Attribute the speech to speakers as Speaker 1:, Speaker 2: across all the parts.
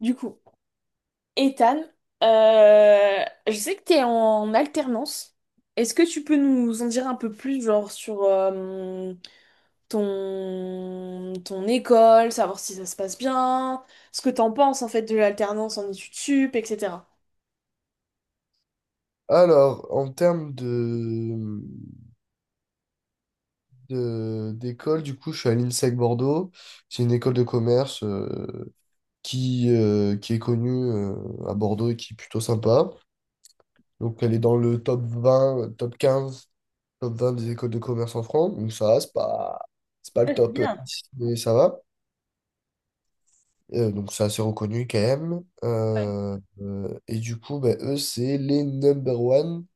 Speaker 1: Du coup, Ethan, je sais que tu es en alternance. Est-ce que tu peux nous en dire un peu plus, genre sur ton, ton école, savoir si ça se passe bien, ce que t'en penses en fait de l'alternance en études sup, etc.
Speaker 2: Alors, en termes de, d'école, du coup, je suis à l'INSEC Bordeaux. C'est une école de commerce, qui est connue, à Bordeaux et qui est plutôt sympa. Donc, elle est dans le top vingt, top quinze, top 20 des écoles de commerce en France. Donc, ça va, c'est pas le
Speaker 1: Ouais, c'est
Speaker 2: top
Speaker 1: bien.
Speaker 2: 10, mais ça va. Donc, c'est assez reconnu quand même.
Speaker 1: Ouais.
Speaker 2: Et du coup, ben, eux, c'est les number one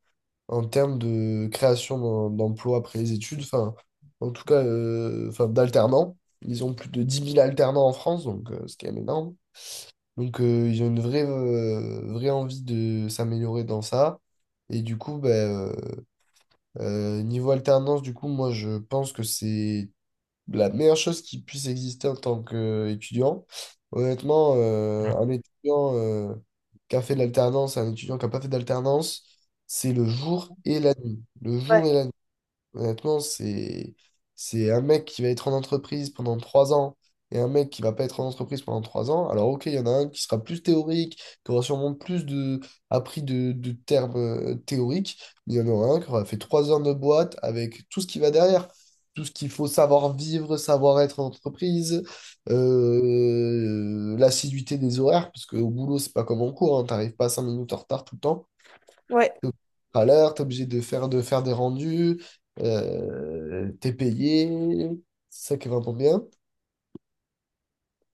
Speaker 2: en termes de création d'emplois après les études, enfin, en tout cas, enfin, d'alternants. Ils ont plus de 10 000 alternants en France, donc c'est quand même énorme. Donc, ils ont une vraie envie de s'améliorer dans ça. Et du coup, ben, euh, niveau alternance, du coup, moi, je pense que c'est la meilleure chose qui puisse exister en tant qu'étudiant. Honnêtement, un étudiant, qui a fait de l'alternance, un étudiant qui n'a pas fait d'alternance, c'est le jour et la nuit. Le
Speaker 1: Ouais,
Speaker 2: jour et la nuit. Honnêtement, c'est un mec qui va être en entreprise pendant 3 ans et un mec qui va pas être en entreprise pendant trois ans. Alors, ok, il y en a un qui sera plus théorique, qui aura sûrement plus de, appris de termes, théoriques, mais il y en aura un qui aura fait 3 heures de boîte avec tout ce qui va derrière. Tout ce qu'il faut savoir vivre, savoir être en entreprise, l'assiduité des horaires, parce qu'au boulot, c'est pas comme en cours, hein, t'arrives pas 5 minutes en retard tout le temps.
Speaker 1: ouais.
Speaker 2: T'es à l'heure, t'es obligé de faire des rendus, t'es payé, c'est ça qui est vraiment bien.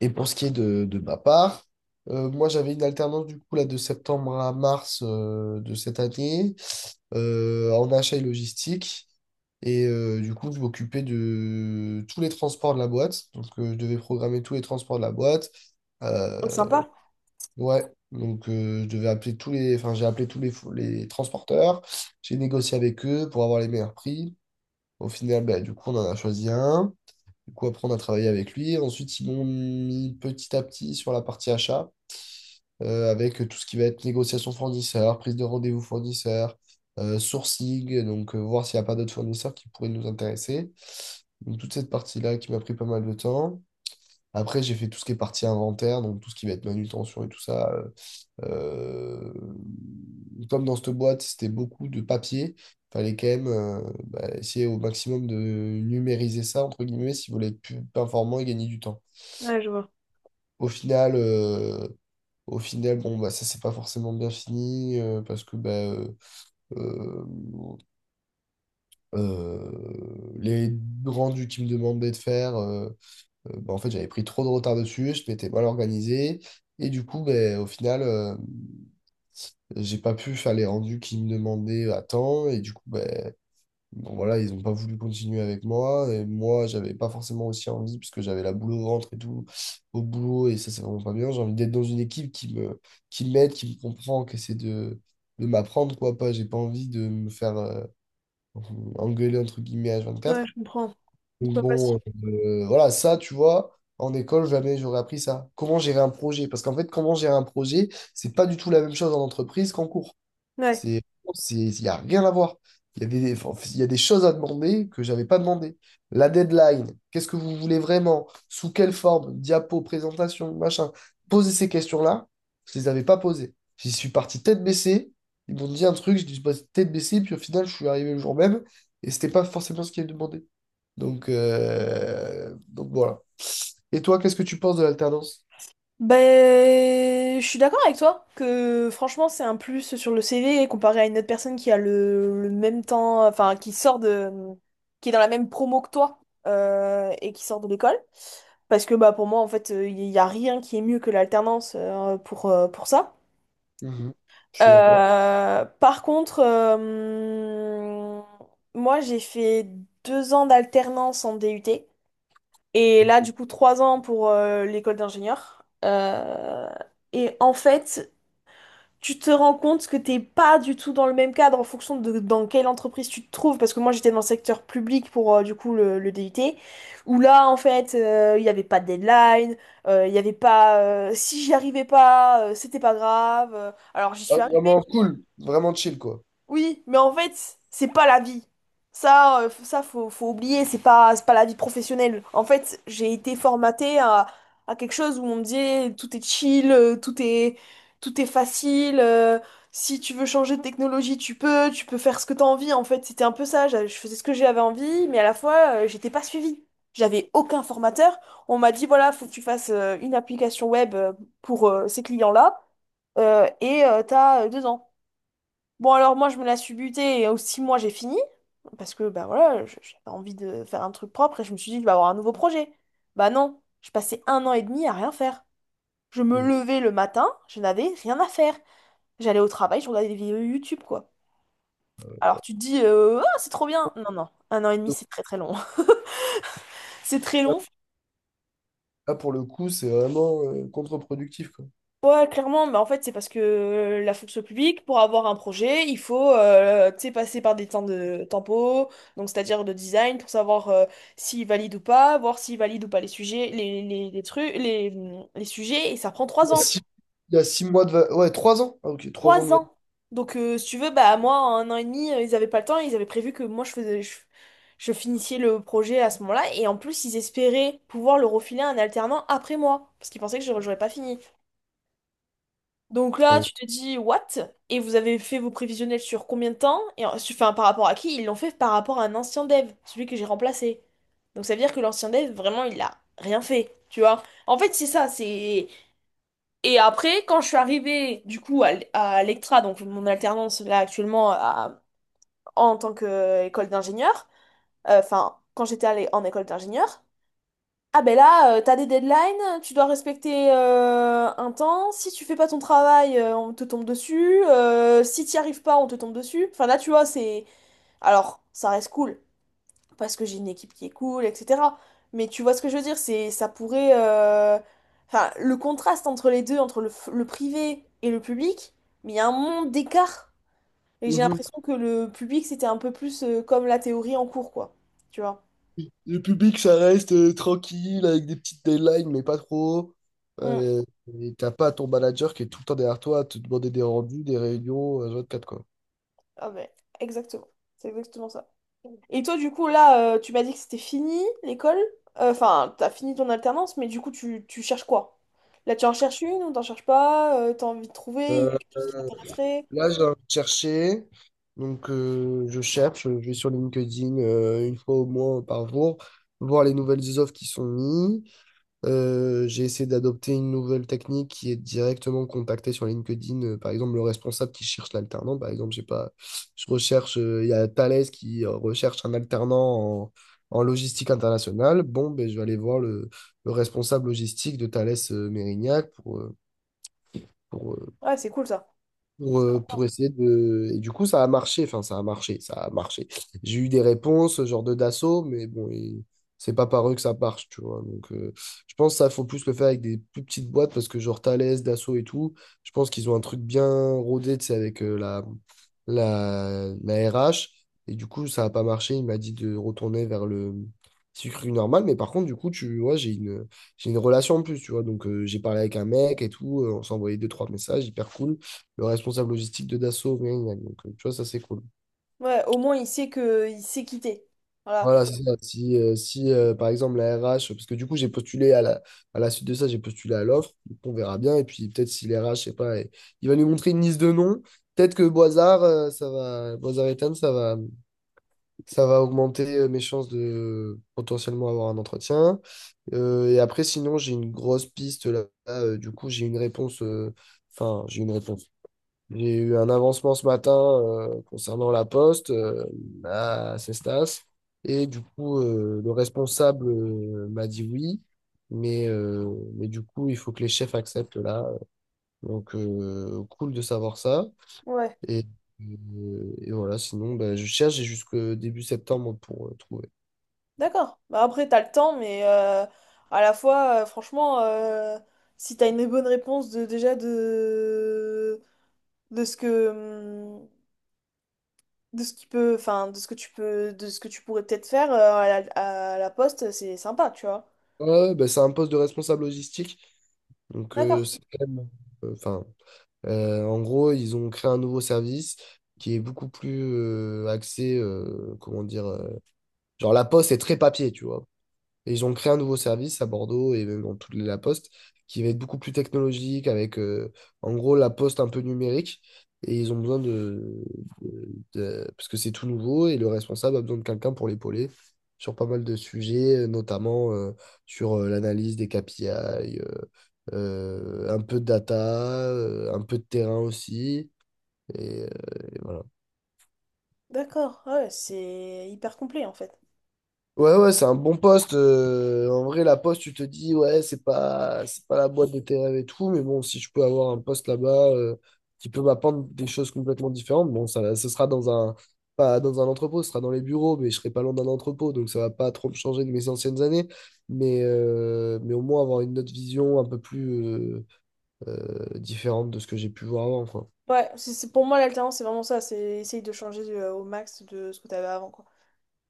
Speaker 2: Et pour ce qui est de ma part, moi j'avais une alternance du coup là de septembre à mars, de cette année, en achat et logistique. Et du coup, je m'occupais de tous les transports de la boîte. Donc, je devais programmer tous les transports de la boîte.
Speaker 1: Oh,
Speaker 2: Euh,
Speaker 1: sympa.
Speaker 2: Ouais, donc je devais appeler tous les, enfin j'ai appelé tous les, les transporteurs, j'ai négocié avec eux pour avoir les meilleurs prix. Au final, bah, du coup, on en a choisi un. Du coup, après, on a travaillé avec lui. Ensuite, ils m'ont mis petit à petit sur la partie achat, avec tout ce qui va être négociation fournisseur, prise de rendez-vous fournisseur, sourcing, donc voir s'il n'y a pas d'autres fournisseurs qui pourraient nous intéresser. Donc, toute cette partie-là qui m'a pris pas mal de temps. Après, j'ai fait tout ce qui est partie inventaire, donc tout ce qui va être manutention et tout ça. Euh, Comme dans cette boîte, c'était beaucoup de papier, fallait quand même, bah, essayer au maximum de numériser ça, entre guillemets, si vous voulez être plus performant et gagner du temps.
Speaker 1: Ouais, je vois.
Speaker 2: Au final, euh, au final, bon, bah, ça, c'est pas forcément bien fini, parce que bah, euh, euh, les rendus qu'ils me demandaient de faire, bah, en fait, j'avais pris trop de retard dessus, je m'étais mal organisé, et du coup, bah, au final, j'ai pas pu faire les rendus qu'ils me demandaient à temps, et du coup, ben, bon, voilà, ils ont pas voulu continuer avec moi, et moi, j'avais pas forcément aussi envie, parce que j'avais la boule au ventre et tout, au boulot, et ça, c'est vraiment pas bien. J'ai envie d'être dans une équipe, qui m'aide, qui me comprend, qui essaie de m'apprendre, quoi, pas, j'ai pas envie de me faire, engueuler, entre guillemets, h
Speaker 1: Ouais,
Speaker 2: quatre.
Speaker 1: je comprends.
Speaker 2: Donc
Speaker 1: C'est pas
Speaker 2: bon,
Speaker 1: facile.
Speaker 2: voilà, ça, tu vois, en école, jamais j'aurais appris ça. Comment gérer un projet? Parce qu'en fait, comment gérer un projet, c'est pas du tout la même chose en entreprise qu'en cours.
Speaker 1: Ouais.
Speaker 2: C'est, il n'y a rien à voir. Il y a des, enfin, il y a des choses à demander que j'avais pas demandé. La deadline, qu'est-ce que vous voulez vraiment? Sous quelle forme? Diapo, présentation, machin. Poser ces questions-là, je les avais pas posées. J'y suis parti tête baissée. Ils m'ont dit un truc, je dis bah, tête baissée, puis au final, je suis arrivé le jour même et c'était pas forcément ce qui est demandé. Donc, voilà. Et toi, qu'est-ce que tu penses de l'alternance?
Speaker 1: Ben, je suis d'accord avec toi que franchement c'est un plus sur le CV comparé à une autre personne qui a le même temps, enfin qui sort de, qui est dans la même promo que toi, et qui sort de l'école. Parce que bah pour moi en fait il n'y a rien qui est mieux que l'alternance pour ça.
Speaker 2: Mhm. Je suis d'accord.
Speaker 1: Par contre, moi j'ai fait deux ans d'alternance en DUT. Et là, du coup, trois ans pour l'école d'ingénieur. Et en fait, tu te rends compte que t'es pas du tout dans le même cadre en fonction de dans quelle entreprise tu te trouves. Parce que moi, j'étais dans le secteur public pour, du coup, le DUT. Où là, en fait, il n'y avait pas de deadline. Il y avait pas... si j'y arrivais pas, c'était pas grave. Alors, j'y
Speaker 2: Ah,
Speaker 1: suis
Speaker 2: vraiment cool, vraiment chill, quoi.
Speaker 1: oui, mais en fait, c'est pas la vie. Ça, ça faut oublier, c'est pas la vie professionnelle. En fait, j'ai été formatée à quelque chose où on me disait tout est chill, tout est facile. Si tu veux changer de technologie, tu peux faire ce que t'as envie. En fait, c'était un peu ça. Je faisais ce que j'avais envie, mais à la fois, j'étais pas suivie. J'avais aucun formateur. On m'a dit, voilà, faut que tu fasses une application web pour ces clients-là, et t'as deux ans. Bon, alors moi, je me la suis butée et aux six mois, j'ai fini. Parce que, bah voilà, j'avais envie de faire un truc propre et je me suis dit, je vais avoir un nouveau projet. Bah non, je passais un an et demi à rien faire. Je me
Speaker 2: Mhm.
Speaker 1: levais le matin, je n'avais rien à faire. J'allais au travail, je regardais des vidéos YouTube, quoi. Alors tu te dis, ah, c'est trop bien. Non, non, un an et demi, c'est très très long. C'est très long.
Speaker 2: Là, pour le coup, c'est vraiment, contre-productif, quoi.
Speaker 1: Ouais, clairement, mais en fait, c'est parce que la fonction publique, pour avoir un projet, il faut tu sais, passer par des temps de tempo, donc c'est-à-dire de design, pour savoir s'il valide ou pas, voir s'il valide ou pas les sujets, les trucs, les, les sujets, et ça prend
Speaker 2: Il
Speaker 1: trois
Speaker 2: y a
Speaker 1: ans.
Speaker 2: six, il y a six mois Ouais, 3 ans. Ah, ok, 3 ans
Speaker 1: Trois ans! Donc, si tu veux, bah, moi, en un an et demi, ils avaient pas le temps, ils avaient prévu que moi, je faisais, je finissais le projet à ce moment-là, et en plus, ils espéraient pouvoir le refiler à un alternant après moi, parce qu'ils pensaient que je n'aurais pas fini. Donc là,
Speaker 2: Euh,
Speaker 1: tu te dis, what? Et vous avez fait vos prévisionnels sur combien de temps? Enfin, par rapport à qui? Ils l'ont fait par rapport à un ancien dev, celui que j'ai remplacé. Donc ça veut dire que l'ancien dev, vraiment, il a rien fait, tu vois? En fait, c'est ça, c'est... Et après, quand je suis arrivée, du coup, à l'Ectra, donc mon alternance, là, actuellement, en tant qu'école d'ingénieur, enfin, quand j'étais allée en école d'ingénieur, ah ben là, t'as des deadlines, tu dois respecter un temps. Si tu fais pas ton travail, on te tombe dessus. Si t'y arrives pas, on te tombe dessus. Enfin là, tu vois, c'est... Alors, ça reste cool, parce que j'ai une équipe qui est cool, etc. Mais tu vois ce que je veux dire, c'est ça pourrait... Enfin, le contraste entre les deux, entre le, le privé et le public, mais il y a un monde d'écart. Et j'ai
Speaker 2: mhm.
Speaker 1: l'impression que le public, c'était un peu plus, comme la théorie en cours, quoi. Tu vois.
Speaker 2: Le public, ça reste, tranquille, avec des petites deadlines, mais pas trop.
Speaker 1: Mm.
Speaker 2: Euh, et t'as pas ton manager qui est tout le temps derrière toi à te demander des rendus, des réunions, 24, quoi.
Speaker 1: Ah ben, exactement. C'est exactement ça. Et toi, du coup, là, tu m'as dit que c'était fini l'école. Enfin, t'as fini ton alternance, mais du coup, tu cherches quoi? Là, tu en cherches une ou t'en cherches pas? T'as envie de trouver? Il y a
Speaker 2: Euh,
Speaker 1: quelque chose qui t'intéresserait?
Speaker 2: Là, j'ai envie de chercher. Donc, je cherche, je vais sur LinkedIn, une fois au moins par jour, voir les nouvelles offres qui sont mises. J'ai essayé d'adopter une nouvelle technique qui est directement contacter sur LinkedIn, par exemple, le responsable qui cherche l'alternant. Par exemple, j'ai pas, je recherche, il y a Thales qui, recherche un alternant en logistique internationale. Bon, ben, je vais aller voir le responsable logistique de Thales, Mérignac, pour, euh,
Speaker 1: Ouais, c'est cool ça.
Speaker 2: pour essayer de. Et du coup, ça a marché, enfin, ça a marché. J'ai eu des réponses, genre de Dassault, mais bon, et c'est pas par eux que ça marche, tu vois. Donc, je pense que ça, faut plus le faire avec des plus petites boîtes, parce que genre Thales, Dassault et tout, je pense qu'ils ont un truc bien rodé, tu sais, avec, la RH. Et du coup, ça a pas marché, il m'a dit de retourner vers le sucre normal, mais par contre, du coup, tu vois, j'ai une relation en plus, tu vois. Donc, j'ai parlé avec un mec et tout, on s'envoyait deux, trois messages, hyper cool le responsable logistique de Dassault. Gna, gna, gna. Donc, tu vois, ça, c'est cool.
Speaker 1: Ouais, au moins, il sait que il sait quitter. Voilà.
Speaker 2: Voilà, c'est ça. Si, par exemple, la RH, parce que du coup, j'ai postulé à la, suite de ça, j'ai postulé à l'offre. Donc, on verra bien. Et puis, peut-être si les RH, je sais pas, il va nous montrer une liste de noms. Peut-être que Boisard, ça va, Boisard Ethan, ça va augmenter, mes chances de potentiellement avoir un entretien. Et après, sinon, j'ai une grosse piste là. Là, du coup, j'ai une réponse. Enfin, j'ai une réponse. J'ai eu un avancement ce matin, concernant la poste, à Cestas. Et du coup, le responsable, m'a dit oui. Mais, euh, mais, du coup, il faut que les chefs acceptent là. Donc, cool de savoir ça.
Speaker 1: Ouais.
Speaker 2: Et, et voilà, sinon, bah, je cherche et jusqu'au début septembre pour, trouver.
Speaker 1: D'accord. Bah, après, t'as le temps, mais à la fois, franchement, si t'as une bonne réponse de, déjà de ce que, de ce qui peut, enfin, de ce que tu peux, de ce que tu pourrais peut-être faire à la poste, c'est sympa, tu vois.
Speaker 2: Ouais, bah, c'est un poste de responsable logistique. Donc,
Speaker 1: D'accord,
Speaker 2: c'est quand même. Enfin. En gros, ils ont créé un nouveau service qui est beaucoup plus, axé, comment dire, genre la poste est très papier, tu vois. Et ils ont créé un nouveau service à Bordeaux et même dans toute la Poste qui va être beaucoup plus technologique avec, en gros la Poste un peu numérique. Et ils ont besoin de- parce que c'est tout nouveau et le responsable a besoin de quelqu'un pour l'épauler sur pas mal de sujets, notamment, sur, l'analyse des KPI, un peu de data, un peu de terrain aussi. et euh, et voilà.
Speaker 1: d'accord, ouais, c'est hyper complet en fait.
Speaker 2: Ouais, ouais, c'est un bon poste. En vrai, la poste, tu te dis, ouais, c'est pas la boîte de tes rêves et tout, mais bon, si je peux avoir un poste là-bas, qui peut m'apprendre des choses complètement différentes, bon, ça, ce sera dans un, pas dans un entrepôt, ce sera dans les bureaux, mais je serai pas loin d'un entrepôt, donc ça va pas trop me changer de mes anciennes années, mais au moins avoir une autre vision un peu plus, euh, différente de ce que j'ai pu voir avant, quoi.
Speaker 1: Ouais, c'est pour moi l'alternance, c'est vraiment ça, c'est essayer de changer au max de ce que t'avais avant, quoi.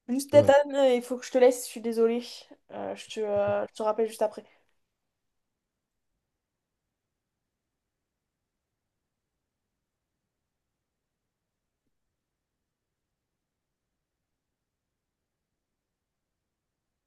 Speaker 1: Juste, Nathan,
Speaker 2: Ouais.
Speaker 1: il faut que je te laisse, je suis désolée. Je te, je te rappelle juste après.